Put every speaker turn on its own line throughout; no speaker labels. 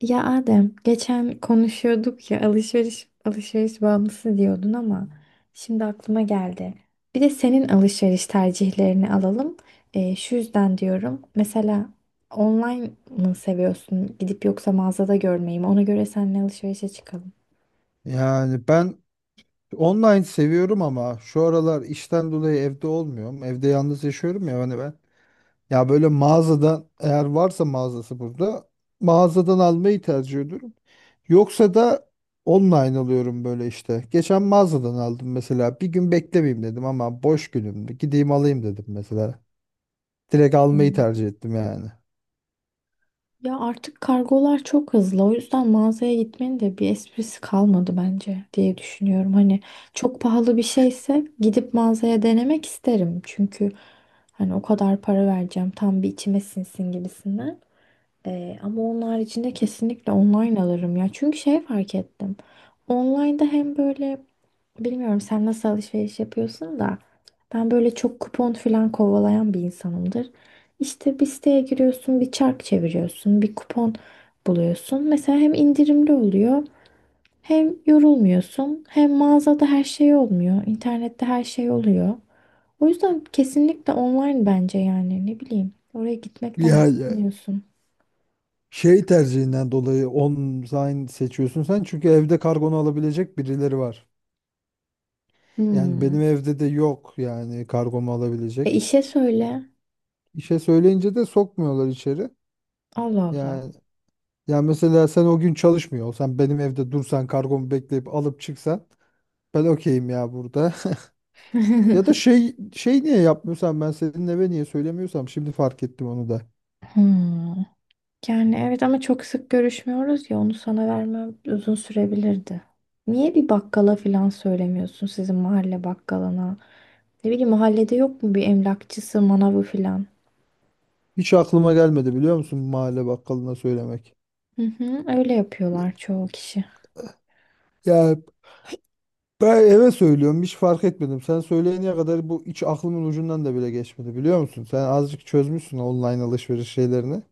Ya Adem, geçen konuşuyorduk ya alışveriş bağımlısı diyordun ama şimdi aklıma geldi. Bir de senin alışveriş tercihlerini alalım. Şu yüzden diyorum. Mesela online mı seviyorsun? Gidip yoksa mağazada görmeyi mi? Ona göre seninle alışverişe çıkalım.
Yani ben online seviyorum ama şu aralar işten dolayı evde olmuyorum. Evde yalnız yaşıyorum ya hani ben. Ya böyle mağazadan eğer varsa mağazası burada mağazadan almayı tercih ediyorum. Yoksa da online alıyorum böyle işte. Geçen mağazadan aldım mesela. Bir gün beklemeyeyim dedim ama boş günümdü. Gideyim alayım dedim mesela. Direkt almayı tercih ettim yani.
Ya artık kargolar çok hızlı. O yüzden mağazaya gitmenin de bir esprisi kalmadı bence diye düşünüyorum. Hani çok pahalı bir şeyse gidip mağazaya denemek isterim. Çünkü hani o kadar para vereceğim tam bir içime sinsin gibisinden. Ama onlar için de kesinlikle online alırım ya. Çünkü şey fark ettim. Online'da hem böyle bilmiyorum sen nasıl alışveriş yapıyorsun da ben böyle çok kupon falan kovalayan bir insanımdır. İşte bir siteye giriyorsun, bir çark çeviriyorsun, bir kupon buluyorsun. Mesela hem indirimli oluyor, hem yorulmuyorsun, hem mağazada her şey olmuyor, internette her şey oluyor. O yüzden kesinlikle online bence yani ne bileyim. Oraya gitmekten ne
Ya.
anlıyorsun?
Şey tercihinden dolayı online seçiyorsun sen çünkü evde kargonu alabilecek birileri var. Yani benim
Hmm.
evde de yok yani kargomu
E
alabilecek.
işe söyle.
İşe söyleyince de sokmuyorlar içeri.
Allah Allah.
Yani yani mesela sen o gün çalışmıyor olsan benim evde dursan kargomu bekleyip alıp çıksan ben okeyim ya burada. Ya da şey niye yapmıyorsan ben senin eve niye söylemiyorsam şimdi fark ettim onu da.
Hmm. Yani evet ama çok sık görüşmüyoruz ya onu sana vermem uzun sürebilirdi. Niye bir bakkala falan söylemiyorsun sizin mahalle bakkalına? Ne bileyim mahallede yok mu bir emlakçısı, manavı falan?
Hiç aklıma gelmedi biliyor musun mahalle bakkalına söylemek.
Hı hı, öyle yapıyorlar çoğu kişi.
Ya ben eve söylüyorum hiç fark etmedim. Sen söyleyene kadar bu hiç aklımın ucundan da bile geçmedi biliyor musun? Sen azıcık çözmüşsün online alışveriş şeylerini.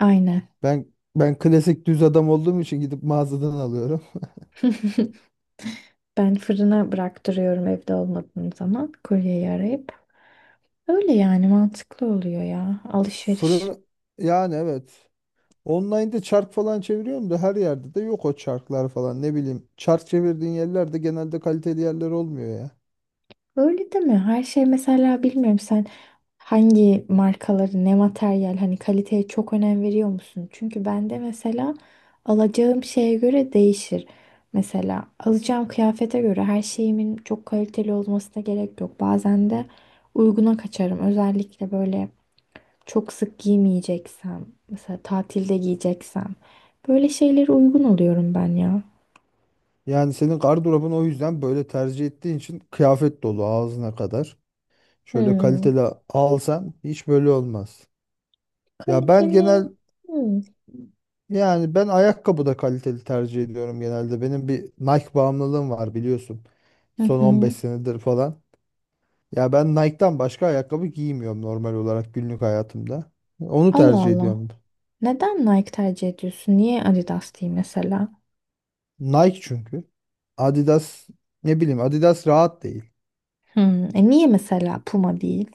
Aynen.
Ben ben klasik düz adam olduğum için gidip mağazadan alıyorum.
Ben fırına bıraktırıyorum evde olmadığım zaman kuryeyi arayıp. Öyle yani mantıklı oluyor ya alışveriş.
Fırın yani evet. Online'da çark falan çeviriyorum da her yerde de yok o çarklar falan ne bileyim. Çark çevirdiğin yerlerde genelde kaliteli yerler olmuyor ya.
Öyle değil mi? Her şey mesela bilmiyorum sen hangi markaları ne materyal hani kaliteye çok önem veriyor musun? Çünkü bende mesela alacağım şeye göre değişir. Mesela alacağım kıyafete göre her şeyimin çok kaliteli olmasına gerek yok. Bazen de uyguna kaçarım. Özellikle böyle çok sık giymeyeceksem, mesela tatilde giyeceksem böyle şeylere uygun oluyorum ben ya.
Yani senin gardırobun o yüzden böyle tercih ettiğin için kıyafet dolu ağzına kadar. Şöyle
Hmm.
kaliteli alsan hiç böyle olmaz. Ya ben
Kaliteli.
genel
Hmm.
yani ben ayakkabı da kaliteli tercih ediyorum genelde. Benim bir Nike bağımlılığım var biliyorsun.
Hı
Son 15
hı.
senedir falan. Ya ben Nike'dan başka ayakkabı giymiyorum normal olarak günlük hayatımda. Onu
Allah
tercih
Allah.
ediyorum.
Neden Nike tercih ediyorsun? Niye Adidas değil mesela?
Nike çünkü. Adidas ne bileyim Adidas rahat değil.
Hmm, e niye mesela Puma değil?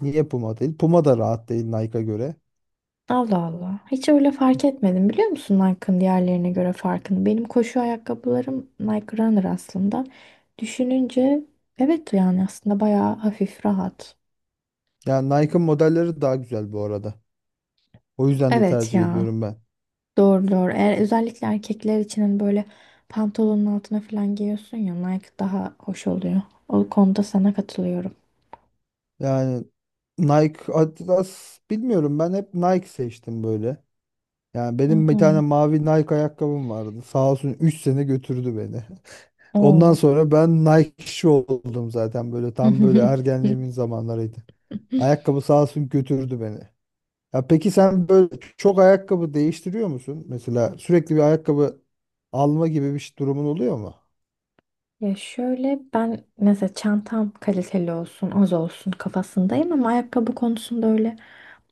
Niye Puma değil? Puma da rahat değil Nike'a göre.
Allah Allah. Hiç öyle fark etmedim biliyor musun Nike'ın diğerlerine göre farkını? Benim koşu ayakkabılarım Nike Runner aslında. Düşününce evet yani aslında bayağı hafif rahat.
Yani Nike'ın modelleri daha güzel bu arada. O yüzden de
Evet
tercih
ya.
ediyorum ben.
Doğru doğru. Eğer özellikle erkekler için hani böyle pantolonun altına falan giyiyorsun ya Nike daha hoş oluyor. O konuda sana katılıyorum.
Yani Nike, Adidas bilmiyorum ben hep Nike seçtim böyle. Yani
Hı
benim bir tane
hı.
mavi Nike ayakkabım vardı. Sağ olsun 3 sene götürdü beni. Ondan
Oo.
sonra ben Nike'ci oldum zaten böyle tam böyle ergenliğimin zamanlarıydı. Ayakkabı sağ olsun götürdü beni. Ya peki sen böyle çok ayakkabı değiştiriyor musun? Mesela sürekli bir ayakkabı alma gibi durumun oluyor mu?
Ya şöyle ben mesela çantam kaliteli olsun, az olsun kafasındayım ama ayakkabı konusunda öyle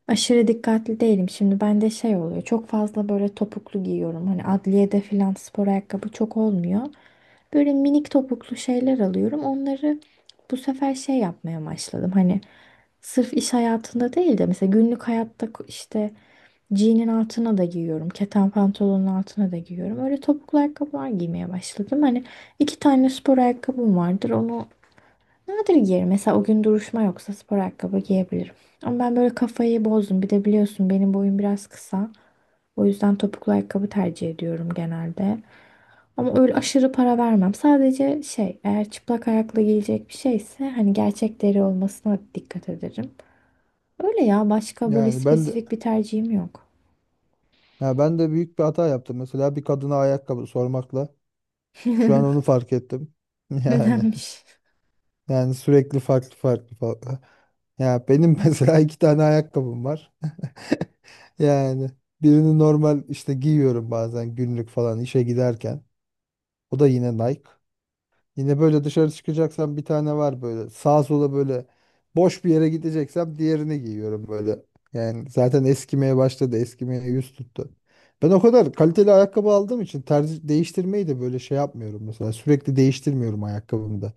aşırı dikkatli değilim. Şimdi bende şey oluyor. Çok fazla böyle topuklu giyiyorum. Hani adliyede filan spor ayakkabı çok olmuyor. Böyle minik topuklu şeyler alıyorum. Onları bu sefer şey yapmaya başladım. Hani sırf iş hayatında değil de mesela günlük hayatta işte Jean'in altına da giyiyorum. Keten pantolonun altına da giyiyorum. Öyle topuklu ayakkabılar giymeye başladım. Hani iki tane spor ayakkabım vardır. Onu nadir giyerim. Mesela o gün duruşma yoksa spor ayakkabı giyebilirim. Ama ben böyle kafayı bozdum. Bir de biliyorsun benim boyum biraz kısa. O yüzden topuklu ayakkabı tercih ediyorum genelde. Ama öyle aşırı para vermem. Sadece şey eğer çıplak ayakla giyecek bir şeyse hani gerçek deri olmasına dikkat ederim. Öyle ya başka böyle
Yani ben de
spesifik bir tercihim yok.
ya ben de büyük bir hata yaptım. Mesela bir kadına ayakkabı sormakla şu an onu fark ettim. Yani
Nedenmiş?
yani sürekli farklı farklı farklı. Ya benim mesela 2 tane ayakkabım var. Yani birini normal işte giyiyorum bazen günlük falan işe giderken. O da yine Nike. Yine böyle dışarı çıkacaksam bir tane var böyle. Sağa sola böyle boş bir yere gideceksem diğerini giyiyorum böyle. Yani zaten eskimeye başladı. Eskimeye yüz tuttu. Ben o kadar kaliteli ayakkabı aldığım için tercih değiştirmeyi de böyle şey yapmıyorum mesela. Sürekli değiştirmiyorum ayakkabımı da.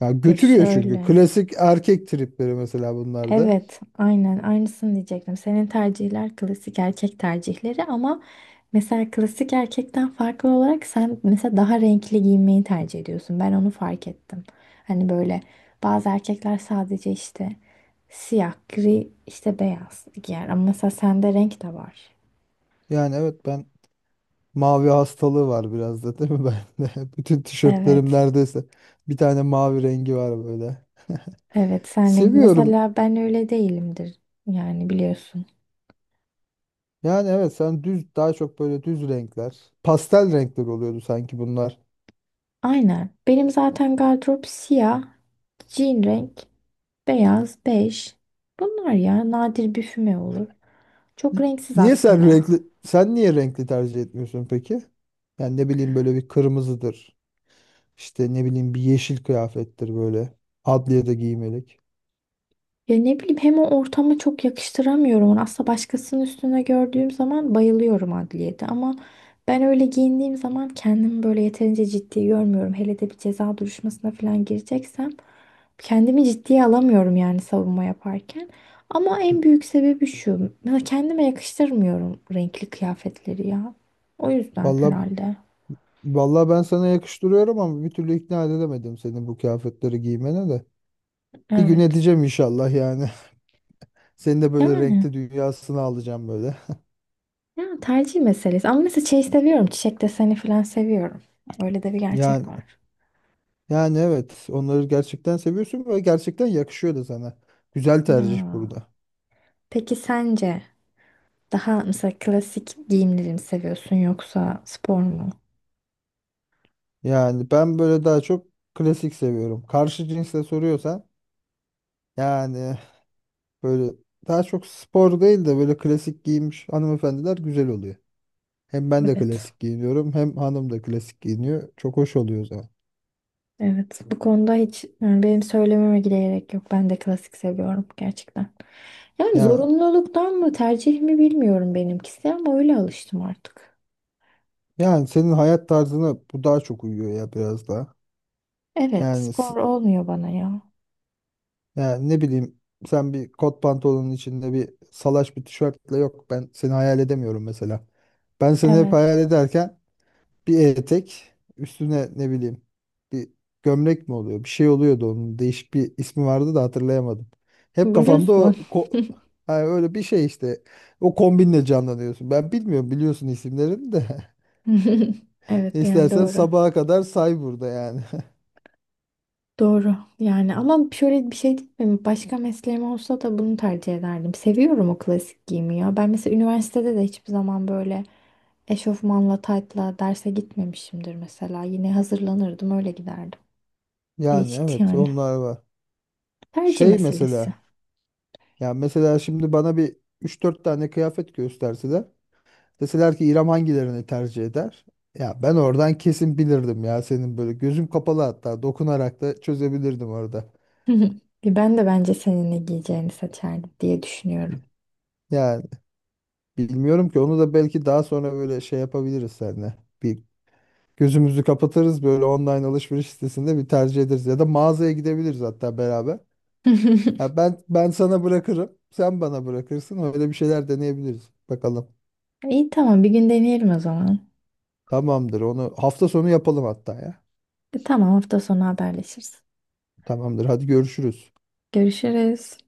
Ya
Ya
götürüyor çünkü.
şöyle.
Klasik erkek tripleri mesela bunlar da.
Evet, aynen aynısını diyecektim. Senin tercihler klasik erkek tercihleri ama mesela klasik erkekten farklı olarak sen mesela daha renkli giyinmeyi tercih ediyorsun. Ben onu fark ettim. Hani böyle bazı erkekler sadece işte siyah, gri, işte beyaz giyer ama mesela sende renk de var.
Yani evet ben Mavi hastalığı var biraz da değil mi bende? Bütün tişörtlerim
Evet.
neredeyse bir tane mavi rengi var böyle.
Evet, sen renkli.
Seviyorum.
Mesela ben öyle değilimdir. Yani biliyorsun.
Yani evet sen düz daha çok böyle düz renkler. Pastel renkler oluyordu sanki bunlar.
Aynen. Benim zaten gardırop siyah, jean renk, beyaz, bej. Bunlar ya nadir bir füme olur. Çok
Y-
renksiz
Niye sen
aslında.
renkli sen niye renkli tercih etmiyorsun peki? Yani ne bileyim böyle bir kırmızıdır. İşte ne bileyim bir yeşil kıyafettir böyle. Adliye de giymelik.
Ya ne bileyim hem o ortama çok yakıştıramıyorum onu. Aslında başkasının üstüne gördüğüm zaman bayılıyorum adliyede ama ben öyle giyindiğim zaman kendimi böyle yeterince ciddi görmüyorum. Hele de bir ceza duruşmasına falan gireceksem kendimi ciddiye alamıyorum yani savunma yaparken. Ama en büyük sebebi şu. Mesela kendime yakıştırmıyorum renkli kıyafetleri ya. O yüzden
Vallahi
herhalde.
vallahi ben sana yakıştırıyorum ama bir türlü ikna edemedim seni bu kıyafetleri giymene de. Bir gün
Evet.
edeceğim inşallah yani. Seni de böyle
Yani
renkli dünyasına alacağım böyle.
ya tercih meselesi. Ama mesela şey seviyorum. Çiçek deseni falan seviyorum. Öyle de bir gerçek
Yani
var.
Yani evet onları gerçekten seviyorsun ve gerçekten yakışıyor da sana. Güzel tercih
Ya.
burada.
Peki sence daha mesela klasik giyimleri mi seviyorsun yoksa spor mu?
Yani ben böyle daha çok klasik seviyorum. Karşı cinsle soruyorsan yani böyle daha çok spor değil de böyle klasik giymiş hanımefendiler güzel oluyor. Hem ben de
Evet.
klasik giyiniyorum hem hanım da klasik giyiniyor. Çok hoş oluyor o zaman.
Evet. Bu konuda hiç yani benim söylememe bile gerek yok. Ben de klasik seviyorum gerçekten. Yani
Yani,
zorunluluktan mı tercih mi bilmiyorum benimkisi ama öyle alıştım artık.
yani senin hayat tarzına bu daha çok uyuyor ya biraz daha.
Evet,
Yani
spor
s-
olmuyor bana ya.
Yani ne bileyim sen bir kot pantolonun içinde bir salaş bir tişörtle yok ben seni hayal edemiyorum mesela. Ben seni hep hayal
Evet.
ederken bir etek üstüne ne bileyim bir gömlek mi oluyor bir şey oluyordu onun değişik bir ismi vardı da hatırlayamadım. Hep kafamda
Bluz mu?
yani öyle bir şey işte o kombinle canlanıyorsun. Ben bilmiyorum biliyorsun isimlerini de
Evet yani
istersen
doğru.
sabaha kadar say burada yani.
Doğru yani ama şöyle bir şey değil mi? Başka mesleğim olsa da bunu tercih ederdim. Seviyorum o klasik giyimi ya. Ben mesela üniversitede de hiçbir zaman böyle eşofmanla taytla derse gitmemişimdir mesela. Yine hazırlanırdım öyle giderdim.
Yani
Değişikti
evet
yani.
onlar var.
Tercih
Şey
meselesi.
mesela Ya mesela şimdi bana bir 3-4 tane kıyafet gösterseler. Deseler ki İrem hangilerini tercih eder? Ya ben oradan kesin bilirdim ya senin böyle gözüm kapalı hatta dokunarak da çözebilirdim orada.
Ben de bence senin ne giyeceğini seçerdim diye düşünüyorum.
Yani bilmiyorum ki onu da belki daha sonra böyle şey yapabiliriz seninle. Bir gözümüzü kapatırız böyle online alışveriş sitesinde bir tercih ederiz ya da mağazaya gidebiliriz hatta beraber. Ya ben sana bırakırım, sen bana bırakırsın öyle bir şeyler deneyebiliriz. Bakalım.
İyi tamam bir gün deneyelim o zaman.
Tamamdır onu hafta sonu yapalım hatta ya.
E, tamam hafta sonu haberleşiriz.
Tamamdır. Hadi görüşürüz.
Görüşürüz.